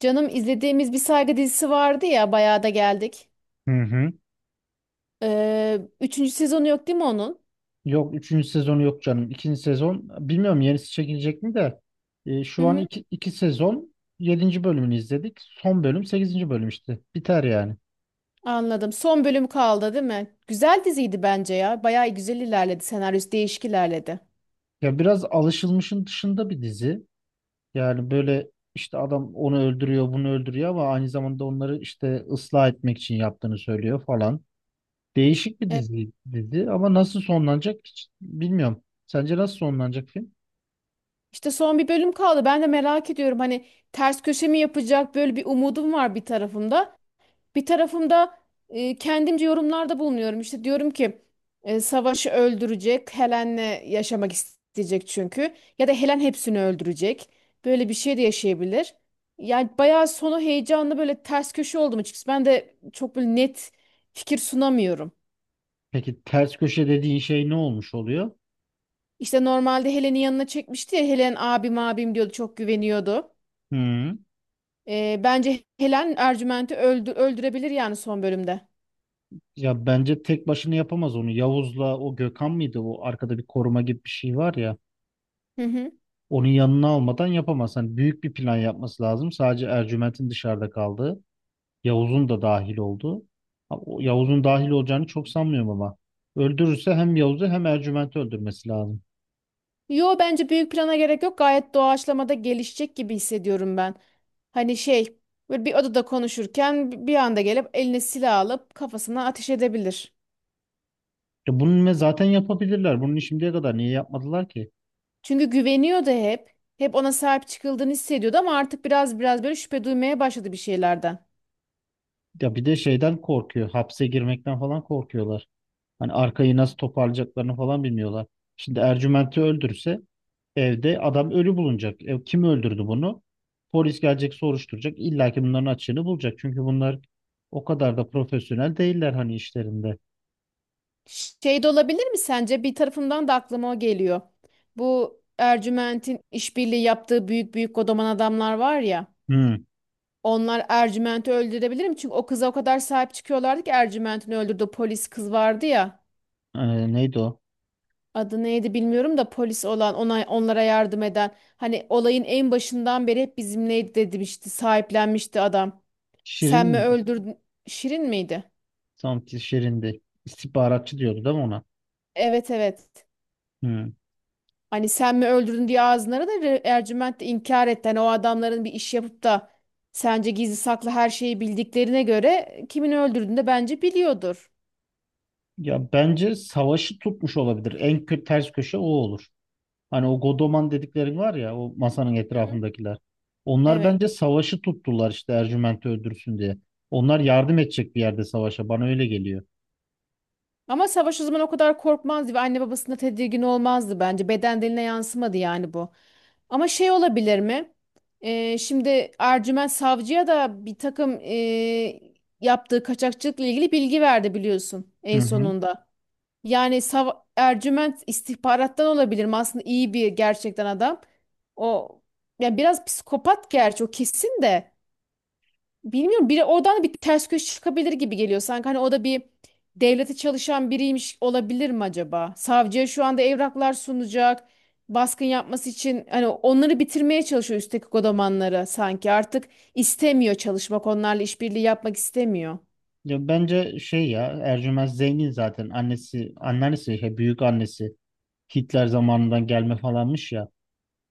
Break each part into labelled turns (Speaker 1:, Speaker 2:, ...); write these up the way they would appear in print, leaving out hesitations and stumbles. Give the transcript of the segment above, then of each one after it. Speaker 1: Canım izlediğimiz bir saygı dizisi vardı ya bayağı da geldik.
Speaker 2: Hı hı.
Speaker 1: Üçüncü sezonu yok değil mi onun?
Speaker 2: Yok, üçüncü sezonu yok canım. İkinci sezon bilmiyorum yenisi çekilecek mi de
Speaker 1: Hı
Speaker 2: şu an
Speaker 1: hı,
Speaker 2: iki sezon yedinci bölümünü izledik. Son bölüm sekizinci bölüm işte. Biter yani.
Speaker 1: anladım. Son bölüm kaldı değil mi? Güzel diziydi bence ya. Bayağı güzel ilerledi. Senaryosu değişik ilerledi.
Speaker 2: Ya biraz alışılmışın dışında bir dizi. Yani böyle işte adam onu öldürüyor bunu öldürüyor ama aynı zamanda onları işte ıslah etmek için yaptığını söylüyor falan. Değişik bir
Speaker 1: E,
Speaker 2: dizi ama nasıl sonlanacak hiç bilmiyorum. Sence nasıl sonlanacak film?
Speaker 1: İşte son bir bölüm kaldı. Ben de merak ediyorum. Hani ters köşe mi yapacak? Böyle bir umudum var bir tarafımda. Bir tarafımda kendimce yorumlarda bulunuyorum. İşte diyorum ki savaşı öldürecek, Helen'le yaşamak isteyecek çünkü. Ya da Helen hepsini öldürecek. Böyle bir şey de yaşayabilir. Yani bayağı sonu heyecanlı, böyle ters köşe oldum açıkçası. Ben de çok böyle net fikir sunamıyorum.
Speaker 2: Peki ters köşe dediğin şey ne olmuş oluyor?
Speaker 1: İşte normalde Helen'in yanına çekmişti ya, Helen abim abim diyordu, çok güveniyordu.
Speaker 2: Hı.
Speaker 1: Bence Helen Ercüment'i öldürebilir yani son bölümde.
Speaker 2: Ya bence tek başına yapamaz onu. Yavuz'la o Gökhan mıydı? O arkada bir koruma gibi bir şey var ya.
Speaker 1: Hı hı.
Speaker 2: Onun yanına almadan yapamaz. Hani büyük bir plan yapması lazım. Sadece Ercüment'in dışarıda kaldığı, Yavuz'un da dahil olduğu. Ha, o Yavuz'un dahil olacağını çok sanmıyorum ama. Öldürürse hem Yavuz'u hem Ercüment'i öldürmesi lazım.
Speaker 1: Yo, bence büyük plana gerek yok. Gayet doğaçlamada gelişecek gibi hissediyorum ben. Hani şey, böyle bir odada konuşurken bir anda gelip eline silah alıp kafasına ateş edebilir.
Speaker 2: Ya bunu ne zaten yapabilirler. Bunu şimdiye kadar niye yapmadılar ki?
Speaker 1: Çünkü güveniyordu hep. Hep ona sahip çıkıldığını hissediyordu ama artık biraz böyle şüphe duymaya başladı bir şeylerden.
Speaker 2: Ya bir de şeyden korkuyor. Hapse girmekten falan korkuyorlar. Hani arkayı nasıl toparlayacaklarını falan bilmiyorlar. Şimdi Ercüment'i öldürse evde adam ölü bulunacak. E, kim öldürdü bunu? Polis gelecek soruşturacak. İlla ki bunların açığını bulacak. Çünkü bunlar o kadar da profesyonel değiller hani işlerinde.
Speaker 1: Şey de olabilir mi sence? Bir tarafımdan da aklıma o geliyor. Bu Ercüment'in işbirliği yaptığı büyük büyük kodoman adamlar var ya.
Speaker 2: Hmm.
Speaker 1: Onlar Ercüment'i öldürebilirim. Çünkü o kıza o kadar sahip çıkıyorlardı ki, Ercüment'in öldürdüğü polis kız vardı ya.
Speaker 2: Neydi o?
Speaker 1: Adı neydi bilmiyorum da, polis olan ona, onlara yardım eden. Hani olayın en başından beri hep bizimleydi demişti. Sahiplenmişti adam. Sen mi
Speaker 2: Şirin.
Speaker 1: öldürdün? Şirin miydi?
Speaker 2: Tam ki Şirin'di. İstihbaratçı diyordu değil mi ona?
Speaker 1: Evet, evet.
Speaker 2: Hmm.
Speaker 1: Hani sen mi öldürdün diye ağzınlara da Ercüment de inkar etti. Hani o adamların bir iş yapıp da, sence gizli saklı her şeyi bildiklerine göre kimin öldürdüğünü de bence biliyordur.
Speaker 2: Ya bence savaşı tutmuş olabilir. En kötü ters köşe o olur. Hani o Godoman dediklerin var ya, o masanın
Speaker 1: Hı hı.
Speaker 2: etrafındakiler. Onlar
Speaker 1: Evet.
Speaker 2: bence savaşı tuttular işte Ercüment'i öldürsün diye. Onlar yardım edecek bir yerde savaşa. Bana öyle geliyor.
Speaker 1: Ama savaş o zaman o kadar korkmazdı ve anne babasına tedirgin olmazdı bence. Beden diline yansımadı yani bu. Ama şey olabilir mi? Şimdi Ercüment Savcı'ya da bir takım yaptığı kaçakçılıkla ilgili bilgi verdi biliyorsun
Speaker 2: Hı
Speaker 1: en
Speaker 2: hı.
Speaker 1: sonunda. Yani Ercüment istihbarattan olabilir mi? Aslında iyi bir, gerçekten adam. O, yani biraz psikopat gerçi o kesin de. Bilmiyorum, biri oradan da bir ters köşe çıkabilir gibi geliyor. Sanki hani o da bir devlete çalışan biriymiş olabilir mi acaba? Savcıya şu anda evraklar sunacak. Baskın yapması için, hani onları bitirmeye çalışıyor üstteki kodamanları sanki. Artık istemiyor çalışmak. Onlarla işbirliği yapmak istemiyor.
Speaker 2: Ya bence şey, ya Ercüment Zengin zaten annesi anneannesi şey, büyük annesi Hitler zamanından gelme falanmış ya,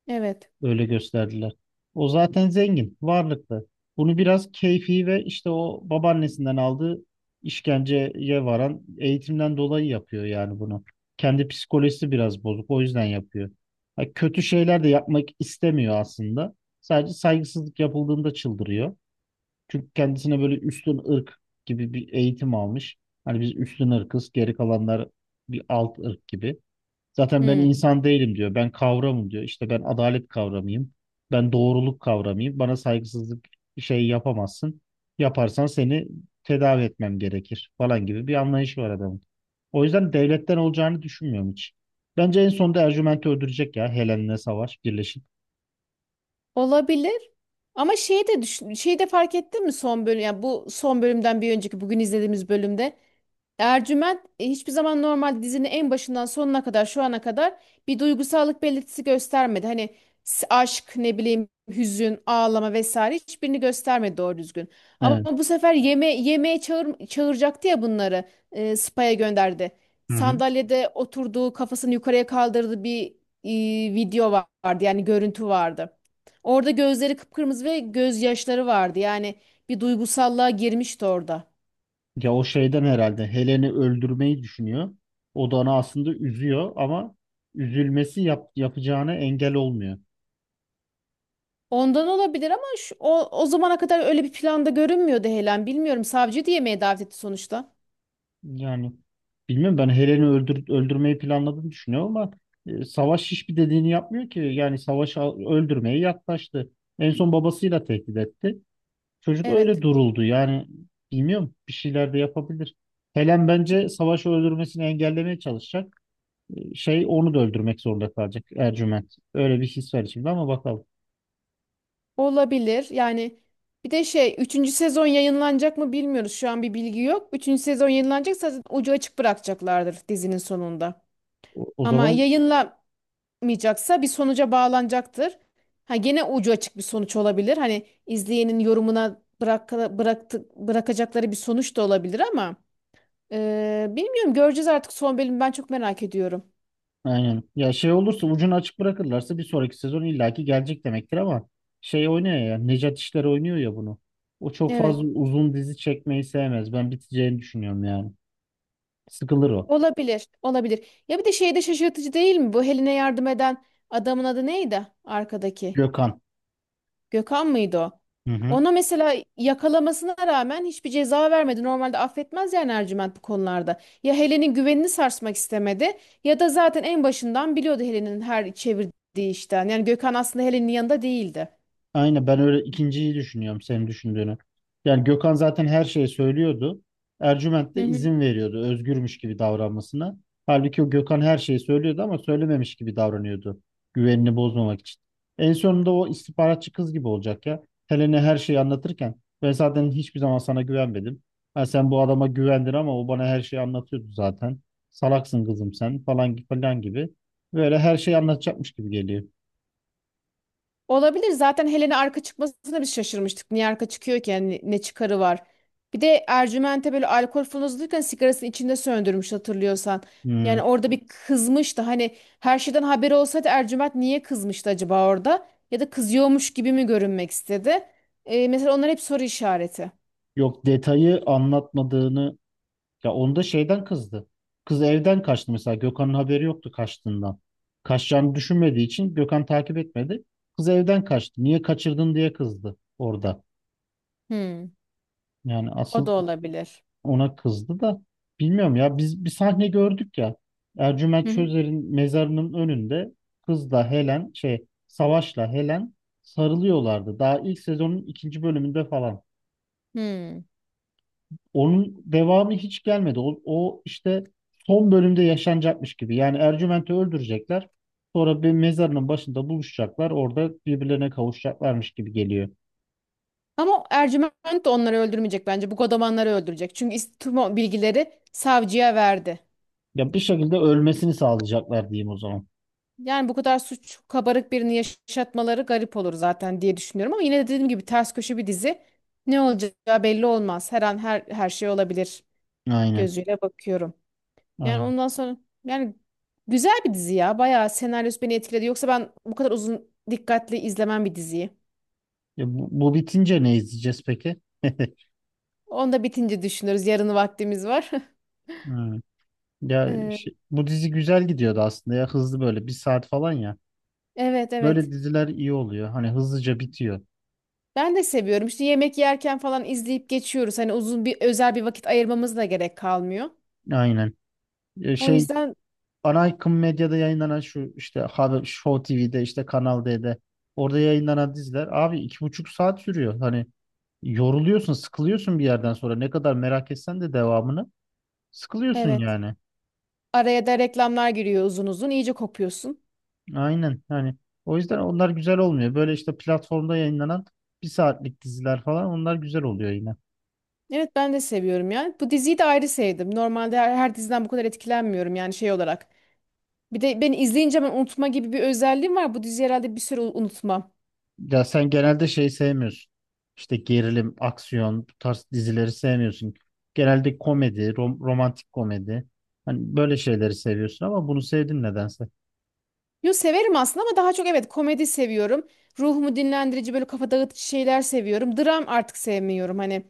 Speaker 1: Evet.
Speaker 2: öyle gösterdiler. O zaten zengin, varlıklı. Bunu biraz keyfi ve işte o babaannesinden aldığı işkenceye varan eğitimden dolayı yapıyor yani bunu. Kendi psikolojisi biraz bozuk, o yüzden yapıyor. Ha, kötü şeyler de yapmak istemiyor aslında. Sadece saygısızlık yapıldığında çıldırıyor. Çünkü kendisine böyle üstün ırk gibi bir eğitim almış. Hani biz üstün ırkız, geri kalanlar bir alt ırk gibi. Zaten ben
Speaker 1: Hmm.
Speaker 2: insan değilim diyor. Ben kavramım diyor. İşte ben adalet kavramıyım. Ben doğruluk kavramıyım. Bana saygısızlık şey yapamazsın. Yaparsan seni tedavi etmem gerekir falan gibi bir anlayışı var adamın. O yüzden devletten olacağını düşünmüyorum hiç. Bence en sonunda Ercüment'i öldürecek ya, Helen'le savaş birleşip.
Speaker 1: Olabilir. Ama şeyi de düşün, şeyi de fark ettin mi? Son bölüm yani bu son bölümden bir önceki bugün izlediğimiz bölümde, Ercüment hiçbir zaman, normal dizinin en başından sonuna kadar şu ana kadar bir duygusallık belirtisi göstermedi. Hani aşk, ne bileyim, hüzün, ağlama vesaire hiçbirini göstermedi doğru düzgün. Ama
Speaker 2: Evet.
Speaker 1: bu sefer yeme yemeğe çağıracaktı ya bunları. Spa'ya gönderdi.
Speaker 2: Hı hı.
Speaker 1: Sandalyede oturduğu, kafasını yukarıya kaldırdığı bir video vardı. Yani görüntü vardı. Orada gözleri kıpkırmızı ve gözyaşları vardı. Yani bir duygusallığa girmişti orada.
Speaker 2: Ya o şeyden herhalde Helen'i öldürmeyi düşünüyor. O da onu aslında üzüyor ama üzülmesi yapacağına engel olmuyor.
Speaker 1: Ondan olabilir ama şu, o, o zamana kadar öyle bir planda görünmüyordu Helen. Bilmiyorum, savcı da yemeğe davet etti sonuçta.
Speaker 2: Yani bilmiyorum, ben Helen'i öldürmeyi planladığını düşünüyorum ama Savaş hiçbir dediğini yapmıyor ki. Yani öldürmeye yaklaştı. En son babasıyla tehdit etti. Çocuk öyle
Speaker 1: Evet,
Speaker 2: duruldu. Yani bilmiyorum, bir şeyler de yapabilir. Helen bence Savaş'ı öldürmesini engellemeye çalışacak. Şey, onu da öldürmek zorunda kalacak Ercüment. Öyle bir his var içimde ama bakalım.
Speaker 1: olabilir yani. Bir de şey, üçüncü sezon yayınlanacak mı bilmiyoruz, şu an bir bilgi yok. Üçüncü sezon yayınlanacaksa zaten ucu açık bırakacaklardır dizinin sonunda.
Speaker 2: O
Speaker 1: Ama
Speaker 2: zaman
Speaker 1: yayınlamayacaksa bir sonuca bağlanacaktır. Ha, gene ucu açık bir sonuç olabilir. Hani izleyenin yorumuna bırakacakları bir sonuç da olabilir ama. Bilmiyorum, göreceğiz artık. Son bölümü ben çok merak ediyorum.
Speaker 2: aynen. Ya şey olursa, ucunu açık bırakırlarsa bir sonraki sezon illaki gelecek demektir ama şey oynuyor ya, Necat İşler oynuyor ya bunu. O çok
Speaker 1: Evet.
Speaker 2: fazla uzun dizi çekmeyi sevmez. Ben biteceğini düşünüyorum yani. Sıkılır o.
Speaker 1: Olabilir. Olabilir. Ya bir de şeyde şaşırtıcı değil mi? Bu Helen'e yardım eden adamın adı neydi? Arkadaki.
Speaker 2: Gökhan.
Speaker 1: Gökhan mıydı o?
Speaker 2: Hı hı.
Speaker 1: Ona mesela yakalamasına rağmen hiçbir ceza vermedi. Normalde affetmez yani Ercüment bu konularda. Ya Helen'in güvenini sarsmak istemedi, ya da zaten en başından biliyordu Helen'in her çevirdiği işten. Yani Gökhan aslında Helen'in yanında değildi.
Speaker 2: Aynen, ben öyle ikinciyi düşünüyorum, senin düşündüğünü. Yani Gökhan zaten her şeyi söylüyordu. Ercüment de izin veriyordu özgürmüş gibi davranmasına. Halbuki o Gökhan her şeyi söylüyordu ama söylememiş gibi davranıyordu. Güvenini bozmamak için. En sonunda o istihbaratçı kız gibi olacak ya. Helen'e her şeyi anlatırken ben zaten hiçbir zaman sana güvenmedim. Ha, sen bu adama güvendin ama o bana her şeyi anlatıyordu zaten. Salaksın kızım sen falan falan gibi. Böyle her şeyi anlatacakmış gibi geliyor.
Speaker 1: Olabilir. Zaten Helen'e arka çıkmasına biz şaşırmıştık. Niye arka çıkıyor ki? Yani ne çıkarı var? Bir de Ercüment'e böyle alkol fırlatırken sigarasını içinde söndürmüş, hatırlıyorsan.
Speaker 2: Hmm.
Speaker 1: Yani orada bir kızmıştı. Hani her şeyden haberi olsaydı Ercüment niye kızmıştı acaba orada? Ya da kızıyormuş gibi mi görünmek istedi? Mesela onlar hep soru işareti.
Speaker 2: Yok, detayı anlatmadığını, ya onda şeyden kızdı. Kız evden kaçtı mesela, Gökhan'ın haberi yoktu kaçtığından. Kaçacağını düşünmediği için Gökhan takip etmedi. Kız evden kaçtı. Niye kaçırdın diye kızdı orada.
Speaker 1: Hmm.
Speaker 2: Yani
Speaker 1: O
Speaker 2: asıl
Speaker 1: da olabilir.
Speaker 2: ona kızdı da bilmiyorum, ya biz bir sahne gördük ya. Ercüment
Speaker 1: Hı hı.
Speaker 2: Çözer'in mezarının önünde kızla Helen, şey, Savaş'la Helen sarılıyorlardı. Daha ilk sezonun ikinci bölümünde falan.
Speaker 1: Hmm.
Speaker 2: Onun devamı hiç gelmedi. O işte son bölümde yaşanacakmış gibi. Yani Ercüment'i öldürecekler. Sonra bir mezarının başında buluşacaklar. Orada birbirlerine kavuşacaklarmış gibi geliyor.
Speaker 1: Ama Ercüment de onları öldürmeyecek bence. Bu godamanları öldürecek. Çünkü tüm o bilgileri savcıya verdi.
Speaker 2: Ya bir şekilde ölmesini sağlayacaklar diyeyim o zaman.
Speaker 1: Yani bu kadar suç kabarık birini yaşatmaları garip olur zaten diye düşünüyorum, ama yine de dediğim gibi ters köşe bir dizi. Ne olacağı belli olmaz. Her an her şey olabilir
Speaker 2: Aynen.
Speaker 1: gözüyle bakıyorum. Yani
Speaker 2: Aynen.
Speaker 1: ondan sonra, yani güzel bir dizi ya. Bayağı senaryosu beni etkiledi. Yoksa ben bu kadar uzun dikkatli izlemem bir diziyi.
Speaker 2: Ya bu bitince ne izleyeceğiz peki?
Speaker 1: Onu da bitince düşünürüz. Yarını vaktimiz var.
Speaker 2: Hmm.
Speaker 1: Ee,
Speaker 2: Bu dizi güzel gidiyordu aslında ya, hızlı, böyle bir saat falan ya.
Speaker 1: Evet, evet.
Speaker 2: Böyle diziler iyi oluyor. Hani hızlıca bitiyor.
Speaker 1: Ben de seviyorum. İşte yemek yerken falan izleyip geçiyoruz. Hani uzun bir, özel bir vakit ayırmamız da gerek kalmıyor.
Speaker 2: Aynen. E,
Speaker 1: O
Speaker 2: Şey
Speaker 1: yüzden
Speaker 2: Ana akım medyada yayınlanan şu işte haber, Show TV'de işte Kanal D'de, orada yayınlanan diziler abi 2,5 saat sürüyor. Hani yoruluyorsun, sıkılıyorsun bir yerden sonra. Ne kadar merak etsen de devamını sıkılıyorsun
Speaker 1: evet.
Speaker 2: yani.
Speaker 1: Araya da reklamlar giriyor uzun uzun. İyice kopuyorsun.
Speaker 2: Aynen. Yani o yüzden onlar güzel olmuyor. Böyle işte platformda yayınlanan bir saatlik diziler falan, onlar güzel oluyor yine.
Speaker 1: Evet, ben de seviyorum yani. Bu diziyi de ayrı sevdim. Normalde her diziden bu kadar etkilenmiyorum yani şey olarak. Bir de beni izleyince ben unutma gibi bir özelliğim var. Bu diziyi herhalde bir süre unutmam.
Speaker 2: Ya sen genelde şey sevmiyorsun. İşte gerilim, aksiyon, bu tarz dizileri sevmiyorsun. Genelde komedi, romantik komedi. Hani böyle şeyleri seviyorsun ama bunu sevdin nedense.
Speaker 1: Yo, severim aslında ama daha çok evet komedi seviyorum. Ruhumu dinlendirici böyle kafa dağıtıcı şeyler seviyorum. Dram artık sevmiyorum hani.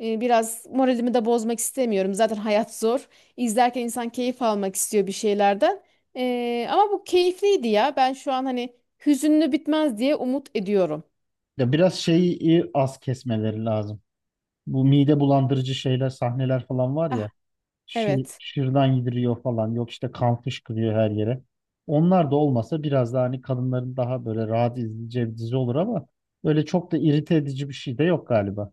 Speaker 1: Biraz moralimi de bozmak istemiyorum. Zaten hayat zor. İzlerken insan keyif almak istiyor bir şeylerden. Ama bu keyifliydi ya. Ben şu an hani hüzünlü bitmez diye umut ediyorum.
Speaker 2: Ya biraz şeyi az kesmeleri lazım. Bu mide bulandırıcı şeyler, sahneler falan var
Speaker 1: Ah,
Speaker 2: ya.
Speaker 1: evet.
Speaker 2: Şırdan yediriyor falan. Yok, işte kan fışkırıyor her yere. Onlar da olmasa biraz daha hani kadınların daha böyle rahat izleyeceği bir dizi olur ama böyle çok da irite edici bir şey de yok galiba.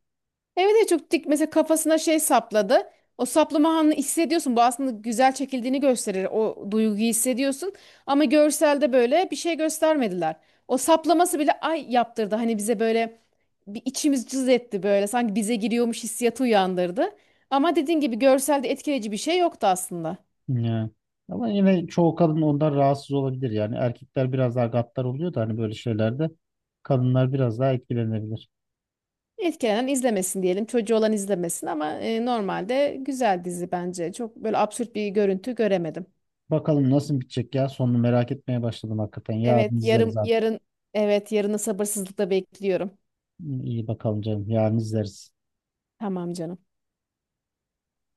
Speaker 1: Evet, evet, çok dik mesela kafasına şey sapladı. O saplama anını hissediyorsun. Bu aslında güzel çekildiğini gösterir. O duyguyu hissediyorsun. Ama görselde böyle bir şey göstermediler. O saplaması bile ay yaptırdı. Hani bize böyle bir içimiz cız etti böyle. Sanki bize giriyormuş hissiyatı uyandırdı. Ama dediğin gibi görselde etkileyici bir şey yoktu aslında.
Speaker 2: Ya. Ama yine çoğu kadın ondan rahatsız olabilir yani. Erkekler biraz daha gaddar oluyor da hani böyle şeylerde kadınlar biraz daha etkilenebilir.
Speaker 1: Etkilenen izlemesin diyelim. Çocuğu olan izlemesin ama normalde güzel dizi bence. Çok böyle absürt bir görüntü göremedim.
Speaker 2: Bakalım nasıl bitecek ya. Sonunu merak etmeye başladım hakikaten. Yarın
Speaker 1: Evet,
Speaker 2: izleriz artık.
Speaker 1: yarın, evet, yarını sabırsızlıkla bekliyorum.
Speaker 2: İyi bakalım canım. Yarın izleriz.
Speaker 1: Tamam canım.